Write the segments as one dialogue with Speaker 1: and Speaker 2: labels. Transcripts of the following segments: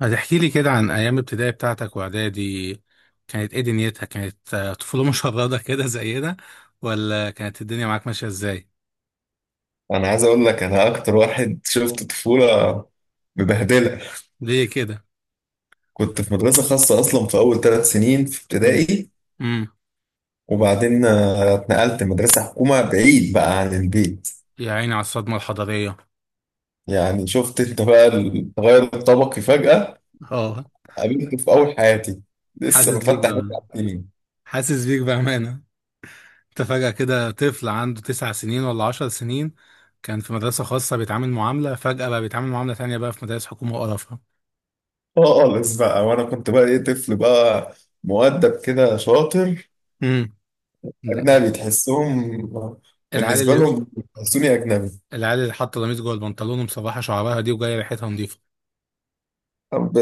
Speaker 1: هتحكي لي كده عن أيام ابتدائي بتاعتك وإعدادي كانت إيه دنيتها؟ كانت طفولة مشردة كده زينا، ولا كانت الدنيا معاك ماشية إزاي؟
Speaker 2: انا عايز اقول لك انا اكتر واحد شفت طفوله مبهدله.
Speaker 1: ليه كده؟
Speaker 2: كنت في مدرسه خاصه اصلا في اول ثلاث سنين في
Speaker 1: امم.
Speaker 2: ابتدائي،
Speaker 1: امم.
Speaker 2: وبعدين اتنقلت مدرسه حكومه بعيد بقى عن البيت.
Speaker 1: يا عيني على الصدمة الحضارية.
Speaker 2: يعني شفت انت بقى التغير الطبقي فجاه،
Speaker 1: اه.
Speaker 2: قابلته في اول حياتي لسه
Speaker 1: حاسس بيك
Speaker 2: مفتح
Speaker 1: بأمانة.
Speaker 2: بقى
Speaker 1: حاسس بيك بأمانة. أنت فجأة كده طفل عنده 9 سنين ولا 10 سنين، كان في مدرسة خاصة بيتعامل معاملة، فجأة بقى بيتعامل معاملة تانية بقى في مدارس حكومة وقرفها.
Speaker 2: خالص بقى. وانا كنت بقى ايه، طفل بقى مؤدب كده شاطر
Speaker 1: امم.
Speaker 2: اجنبي تحسهم،
Speaker 1: العيال
Speaker 2: بالنسبه
Speaker 1: اللي
Speaker 2: لهم بيحسوني اجنبي.
Speaker 1: العيال اللي حاطة قميص جوه البنطلون ومصبحة شعرها دي وجاية ريحتها نظيفة.
Speaker 2: طب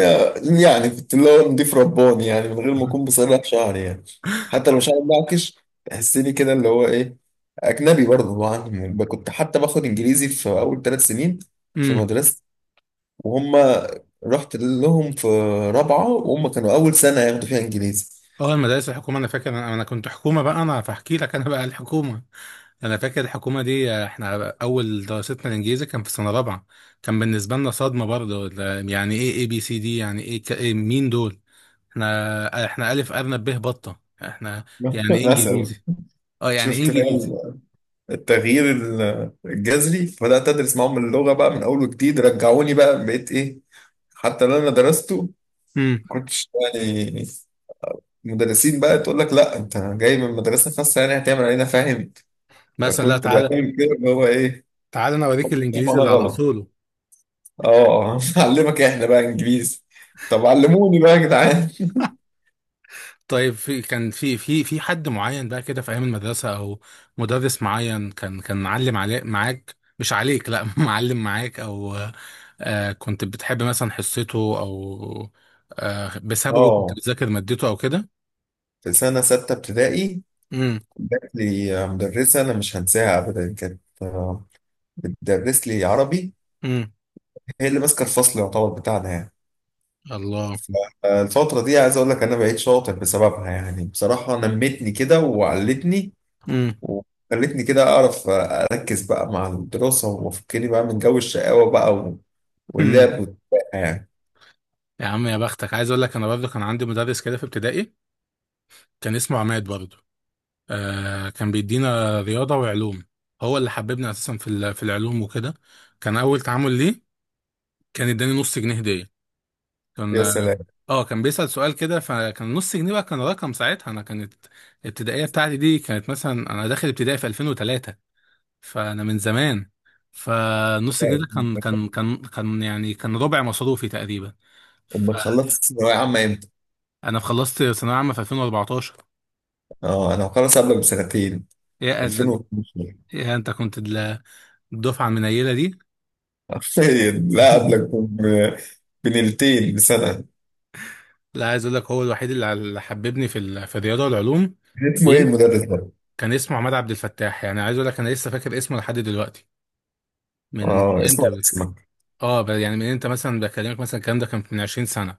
Speaker 2: يعني كنت اللي هو نضيف رباني يعني من غير ما اكون بصلح شعري يعني، حتى لو شعري معكش تحسني كده اللي هو ايه اجنبي برضه طبعا. يعني كنت حتى باخد انجليزي في اول ثلاث سنين في
Speaker 1: امم.
Speaker 2: مدرسه، وهم رحت لهم في رابعه وهم كانوا اول سنه ياخدوا فيها انجليزي.
Speaker 1: اه المدارس الحكومه، انا فاكر، أنا كنت حكومه بقى، انا فاحكي لك انا بقى الحكومه. انا فاكر الحكومه دي، احنا اول دراستنا الانجليزي كان في سنه رابعه. كان بالنسبه لنا صدمه برضه، يعني ايه اي بي سي دي، يعني ايه إيه مين دول؟ احنا الف ارنب به بطه احنا. يعني ايه
Speaker 2: مثلا
Speaker 1: انجليزي؟ اه يعني ايه
Speaker 2: شفت بقى
Speaker 1: انجليزي؟
Speaker 2: التغيير الجذري، فبدات ادرس معاهم اللغه بقى من اول وجديد، رجعوني بقى بقيت ايه حتى اللي انا درسته
Speaker 1: امم.
Speaker 2: ما كنتش يعني. مدرسين بقى تقول لك لا انت جاي من مدرسه خاصه يعني هتعمل علينا، فاهم؟
Speaker 1: مثلا لا،
Speaker 2: فكنت
Speaker 1: تعالى
Speaker 2: بعمل كده اللي هو ايه
Speaker 1: تعالى انا اوريك الانجليزي
Speaker 2: وانا
Speaker 1: اللي على
Speaker 2: غلط.
Speaker 1: اصوله.
Speaker 2: اه علمك احنا بقى انجليزي، طب علموني بقى يا جدعان.
Speaker 1: طيب في، كان في حد معين بقى كده في ايام المدرسه، او مدرس معين، كان معلم عليك، معاك مش عليك لا معلم معاك، او آه كنت بتحب مثلا حصته، او آه بسببه كنت
Speaker 2: اه،
Speaker 1: بتذاكر مادته او كده؟
Speaker 2: في سنه سته ابتدائي
Speaker 1: امم.
Speaker 2: جات لي مدرسه انا مش هنساها ابدا، كانت بتدرس لي عربي،
Speaker 1: امم.
Speaker 2: هي اللي ماسكه الفصل يعتبر بتاعنا يعني.
Speaker 1: الله.
Speaker 2: فالفترة دي عايز اقول لك انا بقيت شاطر بسببها، يعني بصراحة نمتني كده وعلتني،
Speaker 1: امم.
Speaker 2: وخلتني كده أعرف أركز بقى مع الدراسة، وأفكني بقى من جو الشقاوة بقى
Speaker 1: هم.
Speaker 2: واللعب والبقى يعني.
Speaker 1: يا عم يا بختك، عايز اقول لك انا برضه كان عندي مدرس كده في ابتدائي. كان اسمه عماد برضه. آه كان بيدينا رياضه وعلوم. هو اللي حببني اساسا في في العلوم وكده. كان اول تعامل ليه، كان اداني نص جنيه هديه. كان
Speaker 2: يا سلام.
Speaker 1: اه كان بيسأل سؤال كده، فكان نص جنيه بقى، كان رقم ساعتها. انا كانت الابتدائيه بتاعتي دي، كانت مثلا انا داخل ابتدائي في 2003. فانا من زمان. فنص جنيه ده كان كان كان كان يعني كان ربع مصروفي تقريبا.
Speaker 2: أما
Speaker 1: فانا
Speaker 2: خلصت ثانوية عامة إمتى؟
Speaker 1: خلصت ثانويه عامه في 2014.
Speaker 2: أه أنا مخلص قبلك بسنتين،
Speaker 1: يا
Speaker 2: 2012.
Speaker 1: يا انت كنت الدفعه المنيله دي.
Speaker 2: حرفيا لا قبلك بنيلتين بسنة.
Speaker 1: لا عايز اقول لك هو الوحيد اللي حببني في في الرياضه والعلوم.
Speaker 2: اسمه إيه
Speaker 1: مين؟
Speaker 2: المدرس ده؟
Speaker 1: كان اسمه عماد عبد الفتاح، يعني عايز اقول لك انا لسه فاكر اسمه لحد دلوقتي. من
Speaker 2: أه اسمه
Speaker 1: انت
Speaker 2: على اسمك.
Speaker 1: اه يعني من انت مثلا بكلمك مثلا الكلام ده كان من 20 سنة.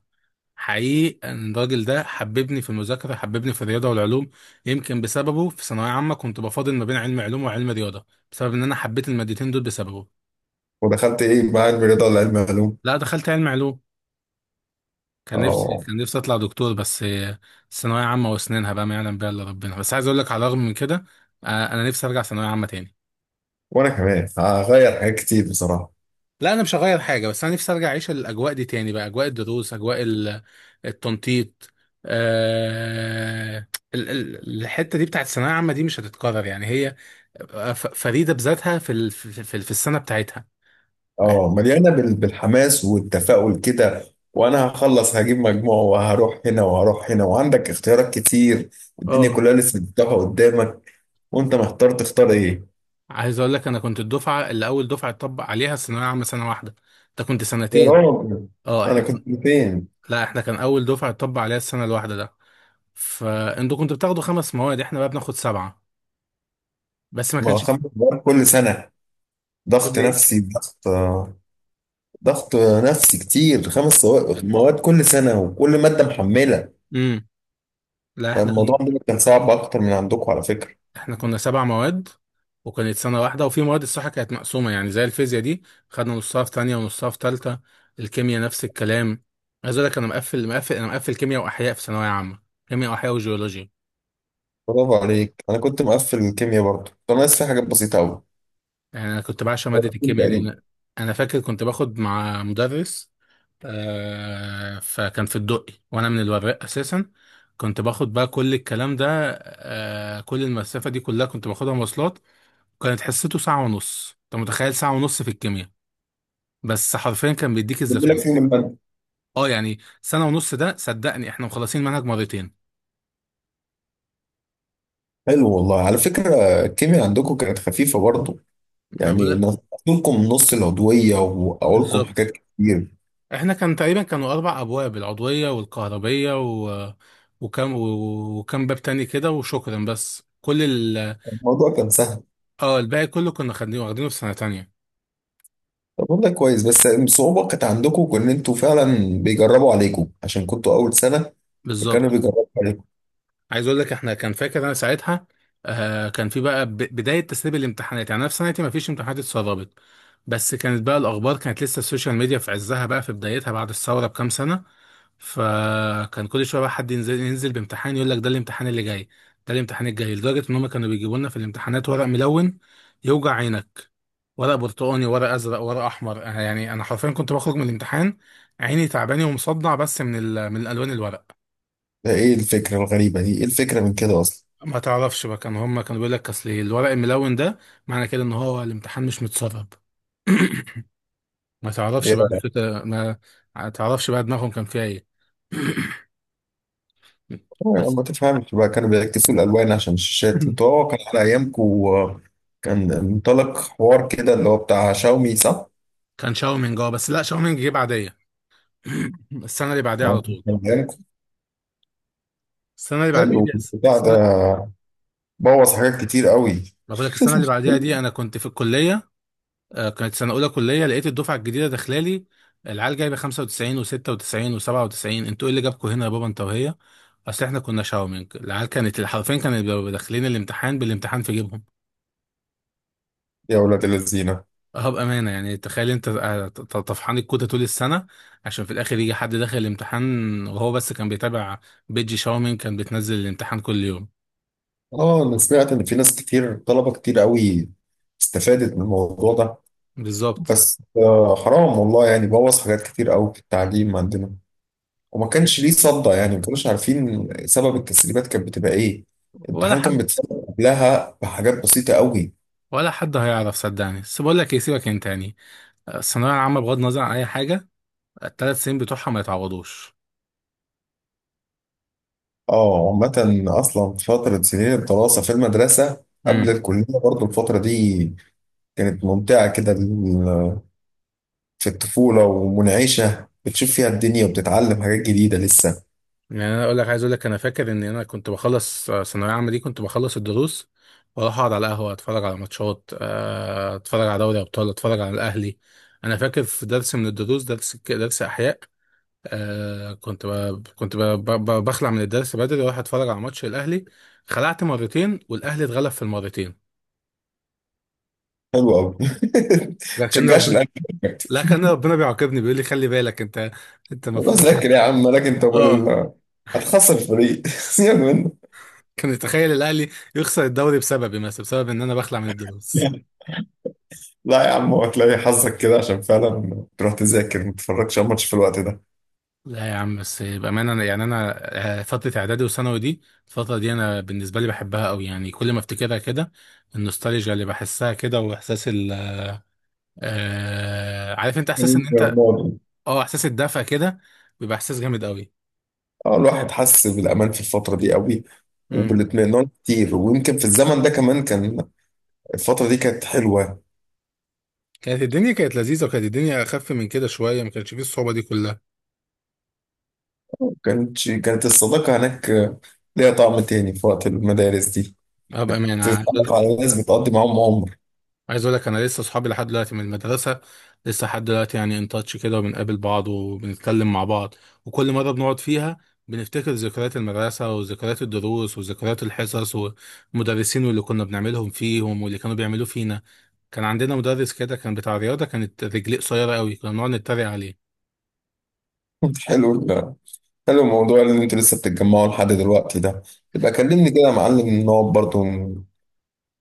Speaker 1: حقيقي ان الراجل ده حببني في المذاكرة، حببني في الرياضة والعلوم. يمكن بسببه في ثانوية عامة كنت بفاضل ما بين علم علوم وعلم رياضة، بسبب ان انا حبيت المادتين دول بسببه.
Speaker 2: ودخلت إيه، مع علم الرياضة ولا علم علوم؟
Speaker 1: لا دخلت علم علوم.
Speaker 2: أه
Speaker 1: كان نفسي اطلع دكتور بس ثانوية عامة واسنانها بقى ما يعلم بها الا ربنا. بس عايز اقول لك على الرغم من كده، انا نفسي ارجع ثانوية عامة تاني.
Speaker 2: وأنا كمان هغير حاجات كتير بصراحة.
Speaker 1: لا انا مش هغير حاجه، بس انا نفسي ارجع اعيش الاجواء دي تاني بقى، اجواء الدروس، اجواء التنطيط. آه الحته دي بتاعت الثانويه العامه دي مش هتتكرر يعني، هي فريده بذاتها في في السنه بتاعتها.
Speaker 2: اه مليانه بالحماس والتفاؤل كده، وانا هخلص هجيب مجموع وهروح هنا وهروح هنا وعندك اختيارات كتير، الدنيا
Speaker 1: اه
Speaker 2: كلها لسه مفتوحه قدامك وانت محتار تختار ايه.
Speaker 1: عايز اقول لك انا كنت الدفعه اللي اول دفعه اتطبق عليها الثانويه العامه سنه واحده. انت كنت
Speaker 2: يا
Speaker 1: سنتين.
Speaker 2: راجل
Speaker 1: اه
Speaker 2: انا
Speaker 1: احنا
Speaker 2: كنت فين؟
Speaker 1: لا احنا كان اول دفعه اتطبق عليها السنه الواحده ده. فانتوا كنتوا بتاخدوا 5 مواد، احنا بقى بناخد 7. بس ما
Speaker 2: ما هو
Speaker 1: كانش
Speaker 2: خمس
Speaker 1: في.
Speaker 2: سواق كل سنه، ضغط
Speaker 1: كل ايه؟
Speaker 2: نفسي، ضغط، ضغط نفسي كتير، خمس سواق مواد كل سنه وكل ماده محمله.
Speaker 1: امم. لا احنا
Speaker 2: فالموضوع
Speaker 1: كان،
Speaker 2: عندنا كان صعب اكتر من عندكم على فكره.
Speaker 1: احنا كنا 7 مواد. وكانت سنة واحدة، وفي مواد الصراحة كانت مقسومة يعني، زي الفيزياء دي خدنا نصها في تانية ونصها في تالتة. الكيمياء نفس الكلام. عايز اقول لك انا مقفل كيمياء واحياء في ثانوية عامة، كيمياء واحياء وجيولوجيا.
Speaker 2: برافو عليك، انا كنت مقفل الكيمياء برضه، كنت ناقص في حاجات بسيطه قوي.
Speaker 1: يعني انا كنت بعشق مادة الكيمياء دي
Speaker 2: تقريبا
Speaker 1: انا. أنا فاكر كنت باخد مع مدرس، آه فكان في الدقي وانا من الوراق اساسا. كنت باخد بقى كل الكلام ده، آه، كل المسافة دي كلها كنت باخدها مواصلات. وكانت حصته ساعة ونص. انت متخيل ساعة ونص في الكيمياء؟ بس حرفيا كان بيديك
Speaker 2: بيقول لك
Speaker 1: الزتونه.
Speaker 2: فيهم المادة.
Speaker 1: اه يعني سنه ونص ده، صدقني احنا مخلصين منهج مرتين.
Speaker 2: حلو والله على فكرة. الكيمياء عندكم كانت خفيفة برضه،
Speaker 1: ما
Speaker 2: يعني
Speaker 1: بقول.
Speaker 2: نقولكم نص العضوية وأقولكم
Speaker 1: بالظبط.
Speaker 2: حاجات كتير،
Speaker 1: احنا كان تقريبا كانوا 4 ابواب، العضويه والكهربيه و... وكم باب تاني كده وشكرا، بس كل
Speaker 2: الموضوع كان سهل.
Speaker 1: اه الباقي كله كنا خدين واخدينه في سنه تانية.
Speaker 2: طب والله كويس، بس الصعوبة كانت عندكم إن أنتوا فعلا بيجربوا عليكم عشان كنتوا أول سنة، فكانوا
Speaker 1: بالظبط.
Speaker 2: بيجربوا عليكم.
Speaker 1: عايز اقول لك، احنا كان فاكر انا ساعتها، آه، كان في بقى بدايه تسريب الامتحانات. يعني انا في سنتي ما فيش امتحانات اتسربت، بس كانت بقى الاخبار، كانت لسه السوشيال ميديا في عزها بقى، في بدايتها بعد الثوره بكام سنه. فكان كل شويه بقى حد ينزل بامتحان يقول لك ده الامتحان اللي جاي، ده الامتحان الجاي، لدرجه ان هم كانوا بيجيبوا لنا في الامتحانات ورق ملون يوجع عينك. ورق برتقاني، ورق ازرق، ورق احمر. يعني انا حرفيا كنت بخرج من الامتحان عيني تعباني ومصدع، بس من من الالوان الورق.
Speaker 2: ده إيه الفكرة الغريبة دي؟ إيه الفكرة من كده أصلا؟
Speaker 1: ما تعرفش بقى، كان هم كانوا بيقول لك اصل الورق الملون ده معنى كده ان هو الامتحان مش متسرب. ما تعرفش بقى
Speaker 2: يا-
Speaker 1: الفكرة ما، ما تعرفش بقى دماغهم كان فيها ايه.
Speaker 2: ما
Speaker 1: بس
Speaker 2: تفهمش بقى، كانوا بيعكسوا الألوان عشان الشاشات أنتوا. أه كان على أيامكم كان منطلق حوار كده اللي هو بتاع شاومي، صح؟
Speaker 1: كان شاومينج، اه بس لا شاومينج جه بعديه. السنة اللي بعديها على طول،
Speaker 2: كان
Speaker 1: السنة اللي بعديها
Speaker 2: حلو
Speaker 1: دي،
Speaker 2: البتاع
Speaker 1: السنة،
Speaker 2: ده، بوظ حاجات كتير قوي.
Speaker 1: ما بقول لك، السنة اللي بعديها دي انا كنت في الكلية. آه، كانت سنة أولى كلية، لقيت الدفعة الجديدة داخلالي. العيال جايبة 95 و96 و97، انتوا ايه اللي جابكوا هنا يا بابا انت وهي؟ أصل احنا كنا شاومينج. العيال كانت حرفيا كانت بيبقوا داخلين الامتحان بالامتحان في جيبهم.
Speaker 2: يا ولاد الذين.
Speaker 1: اه بأمانة يعني تخيل انت، طفحان الكوتة طول السنة، عشان في الآخر يجي حد داخل الامتحان وهو بس كان بيتابع. بيجي شاومينج، كان بتنزل الامتحان كل يوم.
Speaker 2: اه انا سمعت ان في ناس كتير، طلبه كتير قوي استفادت من الموضوع ده.
Speaker 1: بالظبط.
Speaker 2: بس آه حرام والله، يعني بوظ حاجات كتير قوي في التعليم عندنا، وما كانش ليه صدى، يعني ما كانوش عارفين سبب التسريبات كانت بتبقى ايه،
Speaker 1: ولا
Speaker 2: الامتحان كان
Speaker 1: حد
Speaker 2: بيتسرب قبلها بحاجات بسيطه قوي.
Speaker 1: ولا حد هيعرف صدقني. بس بقول لك ايه، سيبك انت يعني. آه، الثانويه العامه بغض النظر عن اي حاجه، الـ 3 سنين بتوعها ما يتعوضوش.
Speaker 2: اه عامة، اصلا في فترة سنين الدراسة في المدرسة قبل
Speaker 1: امم.
Speaker 2: الكلية برضو الفترة دي كانت ممتعة كده، في الطفولة ومنعشة بتشوف فيها الدنيا وبتتعلم حاجات جديدة لسه.
Speaker 1: يعني انا اقول لك، عايز اقول لك انا فاكر ان انا كنت بخلص، آه، ثانويه عامه دي كنت بخلص الدروس واروح اقعد على القهوه، اتفرج على ماتشات، آه، اتفرج على دوري ابطال، اتفرج على الاهلي. انا فاكر في درس من الدروس، درس احياء، آه، كنت بخلع من الدرس بدري واروح اتفرج على ماتش الاهلي. خلعت مرتين والاهلي اتغلب في المرتين.
Speaker 2: حلو قوي.
Speaker 1: لكن
Speaker 2: تشجعش
Speaker 1: ربنا
Speaker 2: الأهلي؟
Speaker 1: لكن ربنا بيعاقبني، بيقول لي خلي بالك انت، انت
Speaker 2: بس
Speaker 1: المفروض كده.
Speaker 2: ذاكر يا عم، مالك انت ومال
Speaker 1: اه
Speaker 2: هتخسر الفريق. سيبك منه.
Speaker 1: كان، يتخيل الاهلي يخسر الدوري بسببي مثلا، بسبب ان انا بخلع من الدروس.
Speaker 2: لا يا عم، هتلاقي حظك كده عشان فعلا تروح تذاكر ما تتفرجش على الماتش في الوقت ده.
Speaker 1: لا يا عم، بس بامانه يعني انا، آه، فتره اعدادي وثانوي دي، الفتره دي انا بالنسبه لي بحبها قوي، يعني كل ما افتكرها كده، النوستالجيا اللي بحسها كده واحساس ال، آه عارف انت احساس ان انت،
Speaker 2: الماضي.
Speaker 1: اه، احساس الدفى كده، بيبقى احساس جامد قوي.
Speaker 2: اه الواحد حس بالامان في الفتره دي قوي،
Speaker 1: امم.
Speaker 2: وبالاطمئنان كتير، ويمكن في الزمن ده كمان كان الفتره دي كانت حلوه.
Speaker 1: كانت الدنيا، كانت لذيذه، وكانت الدنيا اخف من كده شويه، ما كانش فيه الصعوبه دي كلها.
Speaker 2: كانت كانت الصداقه هناك ليها طعم تاني في وقت المدارس دي،
Speaker 1: اه بامانه.
Speaker 2: تتعرف على ناس بتقضي معاهم عمر.
Speaker 1: عايز اقول لك انا لسه صحابي لحد دلوقتي من المدرسه، لسه لحد دلوقتي يعني، ان تاتش كده، وبنقابل بعض وبنتكلم مع بعض. وكل مره بنقعد فيها، بنفتكر ذكريات المدرسه وذكريات الدروس وذكريات الحصص والمدرسين، واللي كنا بنعملهم فيهم واللي كانوا بيعملوه فينا. كان عندنا مدرس كده كان بتاع رياضه، كانت رجليه قصيره قوي، كنا بنقعد نتريق عليه.
Speaker 2: حلو ال- حلو الموضوع اللي انتوا لسه بتتجمعوا لحد دلوقتي ده. يبقى كلمني كده يا معلم نقعد برضه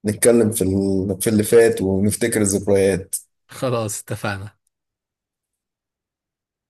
Speaker 2: نتكلم في اللي فات ونفتكر الذكريات.
Speaker 1: خلاص اتفقنا.